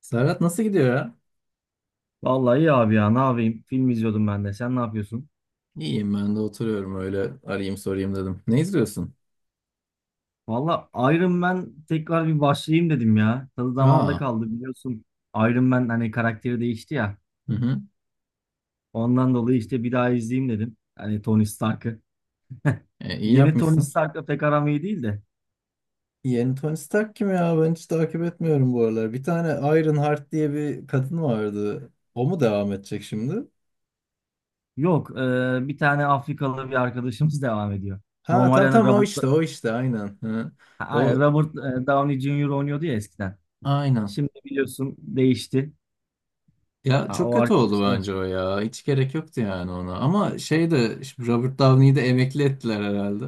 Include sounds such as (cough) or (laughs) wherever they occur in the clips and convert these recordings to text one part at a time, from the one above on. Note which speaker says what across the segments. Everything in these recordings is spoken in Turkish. Speaker 1: Serhat nasıl gidiyor ya?
Speaker 2: Vallahi iyi abi ya, ne yapayım? Film izliyordum ben de. Sen ne yapıyorsun?
Speaker 1: İyiyim ben de oturuyorum öyle arayayım sorayım dedim. Ne izliyorsun?
Speaker 2: Vallahi Iron Man tekrar bir başlayayım dedim ya. Tadı damağımda
Speaker 1: Aa,
Speaker 2: kaldı biliyorsun. Iron Man hani karakteri değişti ya.
Speaker 1: hı hı.
Speaker 2: Ondan dolayı işte bir daha izleyeyim dedim. Hani Tony Stark'ı. (laughs)
Speaker 1: İyi
Speaker 2: Yeni Tony
Speaker 1: yapmışsın.
Speaker 2: Stark'la pek aram iyi değil de.
Speaker 1: Yeni Tony Stark kim ya? Ben hiç takip etmiyorum bu aralar. Bir tane Iron Heart diye bir kadın vardı. O mu devam edecek şimdi?
Speaker 2: Yok bir tane Afrikalı bir arkadaşımız (laughs) devam ediyor.
Speaker 1: Ha,
Speaker 2: Normalde
Speaker 1: tam
Speaker 2: hani
Speaker 1: tam, o işte o işte aynen. Hı.
Speaker 2: Aynen
Speaker 1: O,
Speaker 2: Robert Downey Jr. oynuyordu ya eskiden.
Speaker 1: aynen.
Speaker 2: Şimdi biliyorsun değişti.
Speaker 1: Ya,
Speaker 2: Ha,
Speaker 1: çok
Speaker 2: o
Speaker 1: kötü oldu
Speaker 2: arkadaşlar.
Speaker 1: bence o ya. Hiç gerek yoktu yani ona. Ama şey de, şimdi Robert Downey'i de emekli ettiler herhalde.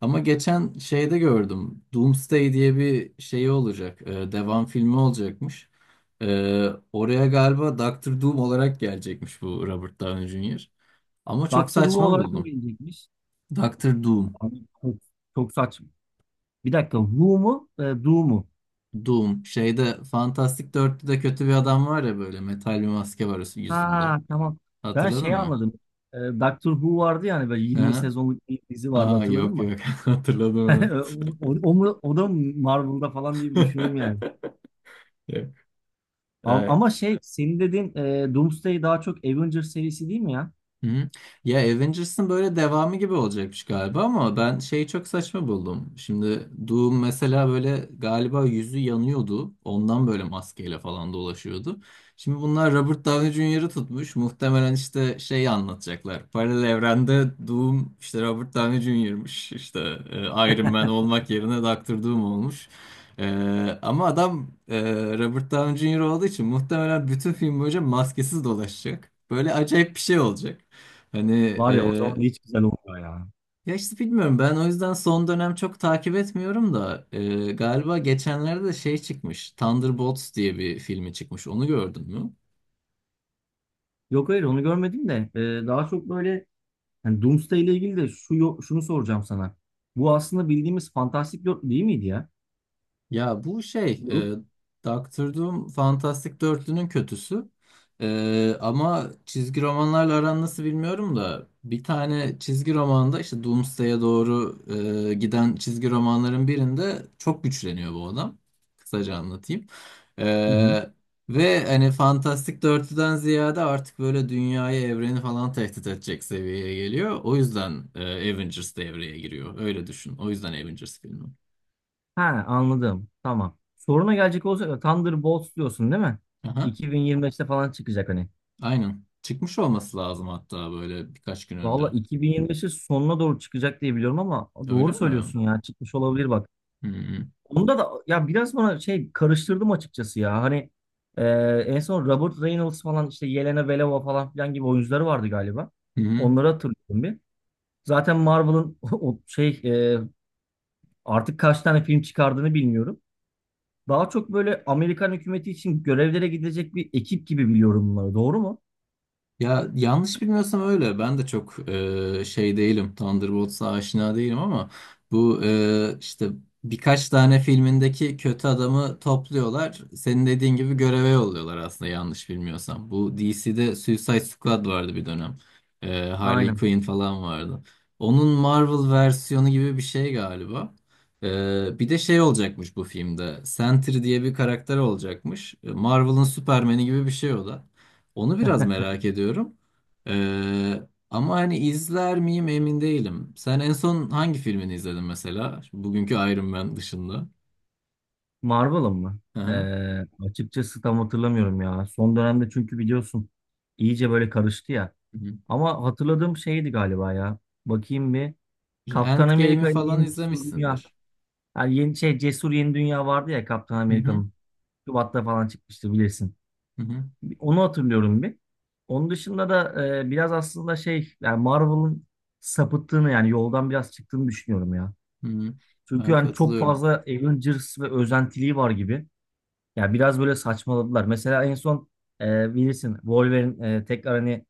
Speaker 1: Ama geçen şeyde gördüm. Doomsday diye bir şey olacak. Devam filmi olacakmış. E, Oraya galiba Doktor Doom olarak gelecekmiş bu Robert Downey Jr. Ama çok
Speaker 2: Doctor Who
Speaker 1: saçma
Speaker 2: olarak mı
Speaker 1: buldum.
Speaker 2: bilinecekmiş?
Speaker 1: Doktor Doom.
Speaker 2: Abi, çok, çok saçma. Bir dakika. Who mu? Do mu?
Speaker 1: Doom. Şeyde Fantastic 4'te kötü bir adam var ya, böyle metal bir maske var yüzünde.
Speaker 2: Ha, tamam. Ben
Speaker 1: Hatırladın
Speaker 2: şey
Speaker 1: mı?
Speaker 2: anladım. Doctor Who vardı yani, böyle 20
Speaker 1: (laughs)
Speaker 2: sezonluk bir dizi vardı,
Speaker 1: Aa,
Speaker 2: hatırladın
Speaker 1: yok
Speaker 2: mı?
Speaker 1: yok, (laughs)
Speaker 2: (laughs)
Speaker 1: hatırladım
Speaker 2: O da mı Marvel'da falan diye bir
Speaker 1: evet.
Speaker 2: düşündüm yani.
Speaker 1: (laughs) Yok.
Speaker 2: Ama,
Speaker 1: Ee,
Speaker 2: ama şey senin dediğin Doomsday daha çok Avengers serisi değil mi ya?
Speaker 1: Hı. Ya, Avengers'ın böyle devamı gibi olacakmış galiba ama ben şeyi çok saçma buldum. Şimdi Doom mesela böyle galiba yüzü yanıyordu. Ondan böyle maskeyle falan dolaşıyordu. Şimdi bunlar Robert Downey Jr.'ı tutmuş. Muhtemelen işte şeyi anlatacaklar. Paralel evrende Doom işte Robert Downey Jr.'mış. İşte Iron Man olmak yerine Doctor Doom olmuş. E, Ama adam, Robert Downey Jr. olduğu için muhtemelen bütün film boyunca maskesiz dolaşacak. Böyle acayip bir şey olacak. Hani
Speaker 2: Var ya, o zaman hiç güzel olmuyor ya.
Speaker 1: ya, işte bilmiyorum, ben o yüzden son dönem çok takip etmiyorum da galiba geçenlerde de şey çıkmış, Thunderbolts diye bir filmi çıkmış, onu gördün mü?
Speaker 2: Yok, hayır, onu görmedim de daha çok böyle hani Doomsday ile ilgili de şunu soracağım sana. Bu aslında bildiğimiz fantastik dörtlü değil miydi ya?
Speaker 1: Ya bu
Speaker 2: Grup.
Speaker 1: Doctor Doom Fantastic Dörtlü'nün kötüsü. Ama çizgi romanlarla aran nasıl bilmiyorum da bir tane çizgi romanda işte Doomsday'e doğru giden çizgi romanların birinde çok güçleniyor bu adam. Kısaca anlatayım.
Speaker 2: Hı hı.
Speaker 1: E, ve hani Fantastic Dörtlü'den ziyade artık böyle dünyayı, evreni falan tehdit edecek seviyeye geliyor. O yüzden Avengers devreye giriyor. Öyle düşün. O yüzden Avengers filmi.
Speaker 2: Ha, anladım. Tamam. Soruna gelecek olursak Thunderbolts diyorsun değil mi?
Speaker 1: Aha.
Speaker 2: 2025'te falan çıkacak hani.
Speaker 1: Aynen. Çıkmış olması lazım hatta, böyle birkaç gün
Speaker 2: Valla
Speaker 1: önce.
Speaker 2: 2025'in sonuna doğru çıkacak diye biliyorum ama
Speaker 1: Öyle
Speaker 2: doğru
Speaker 1: mi?
Speaker 2: söylüyorsun ya, çıkmış olabilir bak.
Speaker 1: Hı hı.
Speaker 2: Onda da ya biraz bana şey karıştırdım açıkçası ya. Hani e, en son Robert Reynolds falan, işte Yelena Belova falan filan gibi oyuncuları vardı galiba.
Speaker 1: Hı hı.
Speaker 2: Onları hatırlıyorum bir. Zaten Marvel'ın (laughs) o şey artık kaç tane film çıkardığını bilmiyorum. Daha çok böyle Amerikan hükümeti için görevlere gidecek bir ekip gibi biliyorum bunları. Doğru mu?
Speaker 1: Ya, yanlış bilmiyorsam öyle. Ben de çok şey değilim, Thunderbolts'a aşina değilim ama bu işte birkaç tane filmindeki kötü adamı topluyorlar. Senin dediğin gibi göreve yolluyorlar aslında, yanlış bilmiyorsam. Bu DC'de Suicide Squad vardı bir dönem. Harley
Speaker 2: Aynen.
Speaker 1: Quinn falan vardı. Onun Marvel versiyonu gibi bir şey galiba. Bir de şey olacakmış bu filmde. Sentry diye bir karakter olacakmış. Marvel'ın Superman'i gibi bir şey o da. Onu biraz merak
Speaker 2: (laughs)
Speaker 1: ediyorum. Ee, ama hani izler miyim emin değilim. Sen en son hangi filmini izledin mesela? Şu bugünkü Iron Man dışında.
Speaker 2: Marvel'ın mı?
Speaker 1: Hı
Speaker 2: Ee,
Speaker 1: hı.
Speaker 2: açıkçası tam hatırlamıyorum ya. Son dönemde çünkü biliyorsun iyice böyle karıştı ya.
Speaker 1: Hı hı.
Speaker 2: Ama hatırladığım şeydi galiba ya. Bakayım bir. Kaptan
Speaker 1: Endgame'i
Speaker 2: Amerika ile
Speaker 1: falan
Speaker 2: Yeni Cesur Dünya.
Speaker 1: izlemişsindir.
Speaker 2: Yani yeni şey, Cesur Yeni Dünya vardı ya, Kaptan
Speaker 1: Hı hı.
Speaker 2: Amerika'nın. Şubat'ta falan çıkmıştı bilirsin.
Speaker 1: Hı hı.
Speaker 2: Onu hatırlıyorum bir. Onun dışında da biraz aslında şey, yani Marvel'ın sapıttığını, yani yoldan biraz çıktığını düşünüyorum ya.
Speaker 1: Hı hı.
Speaker 2: Çünkü
Speaker 1: Ben
Speaker 2: yani çok
Speaker 1: katılıyorum.
Speaker 2: fazla Avengers ve özentiliği var gibi. Ya biraz böyle saçmaladılar. Mesela en son bilirsin Wolverine tekrar hani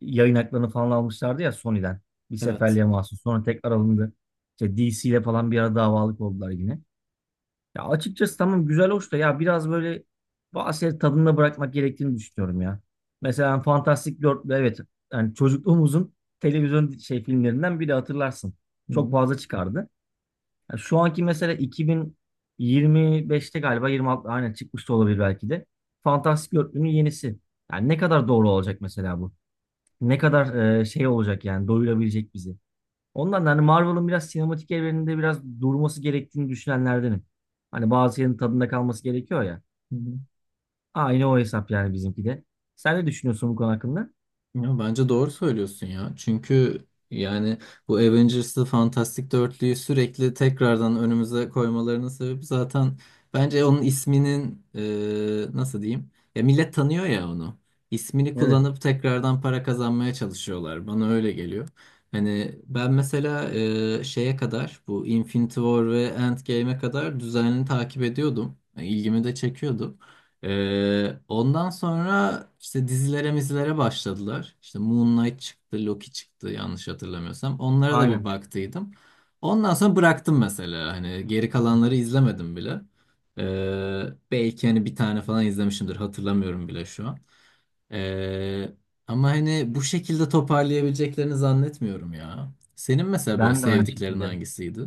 Speaker 2: yayın haklarını falan almışlardı ya Sony'den. Bir
Speaker 1: Evet.
Speaker 2: seferliğe mahsus. Sonra tekrar alındı. İşte DC ile falan bir ara davalık oldular yine. Ya açıkçası tamam, güzel hoş da ya biraz böyle bazı şeyleri tadında bırakmak gerektiğini düşünüyorum ya. Mesela Fantastic Dörtlü, evet, yani çocukluğumuzun televizyon şey filmlerinden biri, hatırlarsın.
Speaker 1: Hı
Speaker 2: Çok
Speaker 1: hı.
Speaker 2: fazla çıkardı. Yani şu anki mesela 2025'te galiba, 26 aynen, çıkmış da olabilir belki de. Fantastic Dörtlü'nün yenisi. Yani ne kadar doğru olacak mesela bu? Ne kadar şey olacak, yani doyurabilecek bizi? Ondan da hani Marvel'ın biraz sinematik evreninde biraz durması gerektiğini düşünenlerdenim. Hani bazı yerin tadında kalması gerekiyor ya.
Speaker 1: Hı hı.
Speaker 2: Aynı o hesap yani, bizimki de. Sen ne düşünüyorsun bu konu hakkında?
Speaker 1: Ya, bence doğru söylüyorsun ya. Çünkü yani bu Avengers'ı, Fantastic Dörtlüyü sürekli tekrardan önümüze koymalarının sebebi zaten bence onun isminin, nasıl diyeyim, ya millet tanıyor ya onu. İsmini
Speaker 2: Evet.
Speaker 1: kullanıp tekrardan para kazanmaya çalışıyorlar. Bana öyle geliyor. Hani ben mesela şeye kadar, bu Infinity War ve Endgame'e kadar düzenli takip ediyordum. Yani İlgimi de çekiyordu. Ondan sonra işte dizilere mizilere başladılar. İşte Moon Knight çıktı, Loki çıktı yanlış hatırlamıyorsam. Onlara da bir
Speaker 2: Aynen.
Speaker 1: baktıydım. Ondan sonra bıraktım mesela. Hani geri kalanları izlemedim bile. Ee, Belki hani bir tane falan izlemişimdir. Hatırlamıyorum bile şu an. Ee, Ama hani bu şekilde toparlayabileceklerini zannetmiyorum ya. Senin mesela böyle
Speaker 2: Ben de aynı
Speaker 1: sevdiklerin
Speaker 2: şekilde.
Speaker 1: hangisiydi?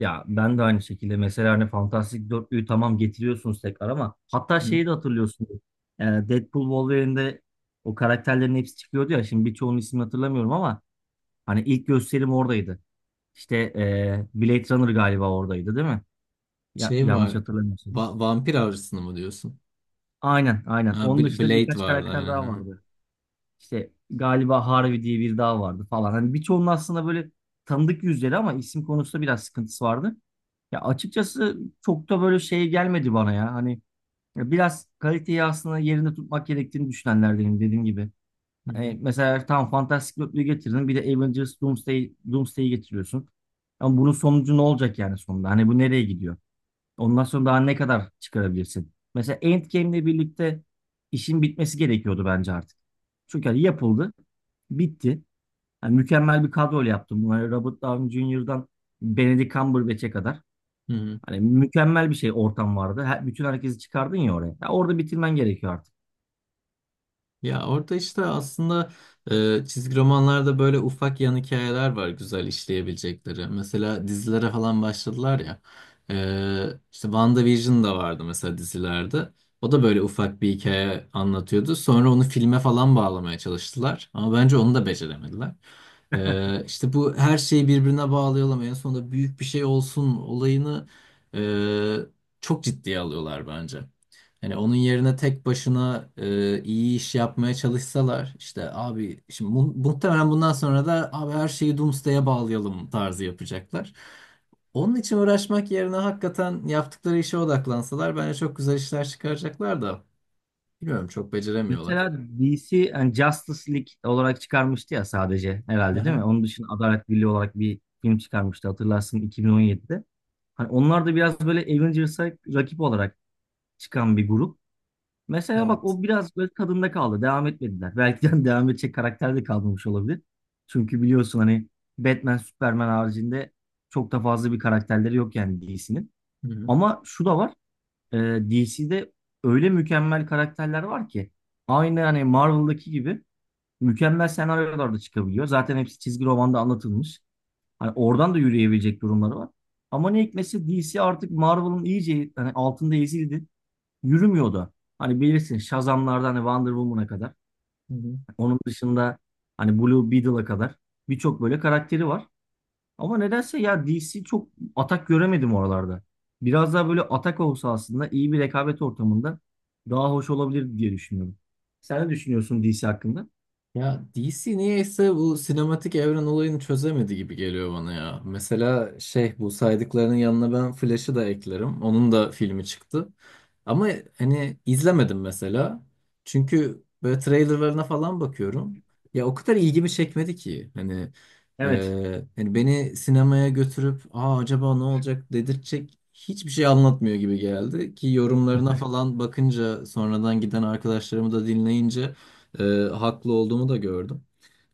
Speaker 2: Ya ben de aynı şekilde. Mesela hani Fantastic Dörtlüğü tamam, getiriyorsunuz tekrar ama hatta
Speaker 1: Hı.
Speaker 2: şeyi de hatırlıyorsunuz. Deadpool Wolverine'de o karakterlerin hepsi çıkıyordu ya. Şimdi birçoğunun ismini hatırlamıyorum ama hani ilk gösterim oradaydı. İşte Blade Runner galiba oradaydı değil mi? Ya,
Speaker 1: Şey
Speaker 2: yanlış
Speaker 1: var.
Speaker 2: hatırlamıyorsun.
Speaker 1: Vampir Avcısı'nı mı diyorsun?
Speaker 2: Aynen, aynen.
Speaker 1: Ha,
Speaker 2: Onun dışında
Speaker 1: Blade
Speaker 2: birkaç
Speaker 1: vardı
Speaker 2: karakter
Speaker 1: aynen.
Speaker 2: daha
Speaker 1: Ha.
Speaker 2: vardı. İşte galiba Harvey diye biri daha vardı falan. Hani birçoğunun aslında böyle tanıdık yüzleri ama isim konusunda biraz sıkıntısı vardı. Ya açıkçası çok da böyle şey gelmedi bana ya. Hani ya biraz kaliteyi aslında yerinde tutmak gerektiğini düşünenlerdenim, dediğim gibi.
Speaker 1: Hı hı.
Speaker 2: Hani mesela tam Fantastic Dörtlüğü getirdin. Bir de Avengers Doomsday, Doomsday'i getiriyorsun. Ama bunun sonucu ne olacak yani sonunda? Hani bu nereye gidiyor? Ondan sonra daha ne kadar çıkarabilirsin? Mesela Endgame'le birlikte işin bitmesi gerekiyordu bence artık. Çünkü hani yapıldı, bitti. Yani mükemmel bir kadroyla yaptım bunları, Robert Downey Jr.'dan Benedict Cumberbatch'e kadar.
Speaker 1: Hı hı.
Speaker 2: Hani mükemmel bir şey ortam vardı. Her, bütün herkesi çıkardın ya oraya. Ya orada bitirmen gerekiyor artık.
Speaker 1: Ya orada işte aslında çizgi romanlarda böyle ufak yan hikayeler var güzel işleyebilecekleri. Mesela dizilere falan başladılar ya. E, işte WandaVision da vardı mesela dizilerde. O da böyle ufak bir hikaye anlatıyordu. Sonra onu filme falan bağlamaya çalıştılar. Ama bence onu da beceremediler. E, işte bu her şeyi birbirine bağlayalım, en sonunda büyük bir şey olsun olayını çok ciddiye alıyorlar bence. Hani onun yerine tek başına iyi iş yapmaya çalışsalar, işte abi şimdi muhtemelen bundan sonra da abi her şeyi Doomsday'e bağlayalım tarzı yapacaklar. Onun için uğraşmak yerine hakikaten yaptıkları işe odaklansalar bence çok güzel işler çıkaracaklar da bilmiyorum, çok beceremiyorlar.
Speaker 2: Mesela DC yani Justice League olarak çıkarmıştı ya sadece, herhalde değil mi?
Speaker 1: Aha.
Speaker 2: Onun dışında Adalet Birliği olarak bir film çıkarmıştı, hatırlarsın, 2017'de. Hani onlar da biraz böyle Avengers'a rakip olarak çıkan bir grup. Mesela bak,
Speaker 1: Evet.
Speaker 2: o biraz böyle tadında kaldı. Devam etmediler. Belki de (laughs) devam edecek karakter de kalmamış olabilir. Çünkü biliyorsun hani Batman, Superman haricinde çok da fazla bir karakterleri yok yani DC'nin.
Speaker 1: Hı
Speaker 2: Ama şu da var. DC'de öyle mükemmel karakterler var ki aynı hani Marvel'daki gibi mükemmel senaryolarda çıkabiliyor. Zaten hepsi çizgi romanda anlatılmış. Hani oradan da yürüyebilecek durumları var. Ama ne hikmetse DC artık Marvel'ın iyice hani altında ezildi, yürümüyor da. Hani bilirsin Shazam'lardan hani Wonder Woman'a kadar.
Speaker 1: hı.
Speaker 2: Onun dışında hani Blue Beetle'a kadar birçok böyle karakteri var. Ama nedense ya DC çok atak göremedim oralarda. Biraz daha böyle atak olsa aslında iyi bir rekabet ortamında daha hoş olabilir diye düşünüyorum. Sen ne düşünüyorsun DC hakkında?
Speaker 1: Ya, DC niyeyse bu sinematik evren olayını çözemedi gibi geliyor bana ya. Mesela şey, bu saydıklarının yanına ben Flash'ı da eklerim. Onun da filmi çıktı. Ama hani izlemedim mesela. Çünkü böyle trailerlarına falan bakıyorum. Ya o kadar ilgimi çekmedi ki. Hani,
Speaker 2: Evet.
Speaker 1: beni sinemaya götürüp, aa, acaba ne olacak, dedirtecek hiçbir şey anlatmıyor gibi geldi. Ki yorumlarına falan bakınca, sonradan giden arkadaşlarımı da dinleyince e, haklı olduğumu da gördüm.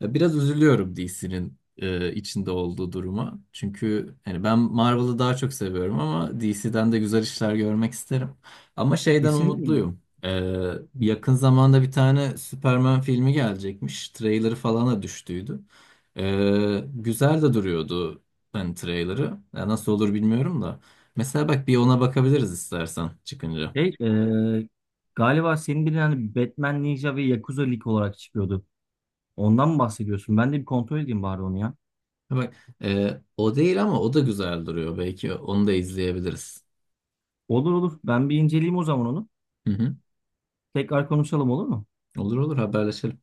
Speaker 1: Ya, biraz üzülüyorum DC'nin içinde olduğu duruma. Çünkü hani ben Marvel'ı daha çok seviyorum ama DC'den de güzel işler görmek isterim. Ama şeyden
Speaker 2: Kesinlikle.
Speaker 1: umutluyum. Yakın zamanda bir tane Superman filmi gelecekmiş. Trailer'ı falan da düştüydü. Güzel de duruyordu hani trailer'ı. Ya nasıl olur bilmiyorum da. Mesela bak, bir ona bakabiliriz istersen çıkınca.
Speaker 2: Şey, galiba senin bir hani Batman Ninja ve Yakuza League olarak çıkıyordu. Ondan mı bahsediyorsun? Ben de bir kontrol edeyim bari onu ya.
Speaker 1: Ha, bak, o değil ama o da güzel duruyor. Belki onu da izleyebiliriz.
Speaker 2: Olur olur. Ben bir inceleyeyim o zaman onu.
Speaker 1: Hı hı.
Speaker 2: Tekrar konuşalım, olur mu?
Speaker 1: Olur olur, haberleşelim.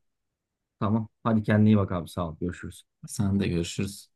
Speaker 2: Tamam. Hadi kendine iyi bak abi. Sağ ol. Görüşürüz.
Speaker 1: Sen de, görüşürüz.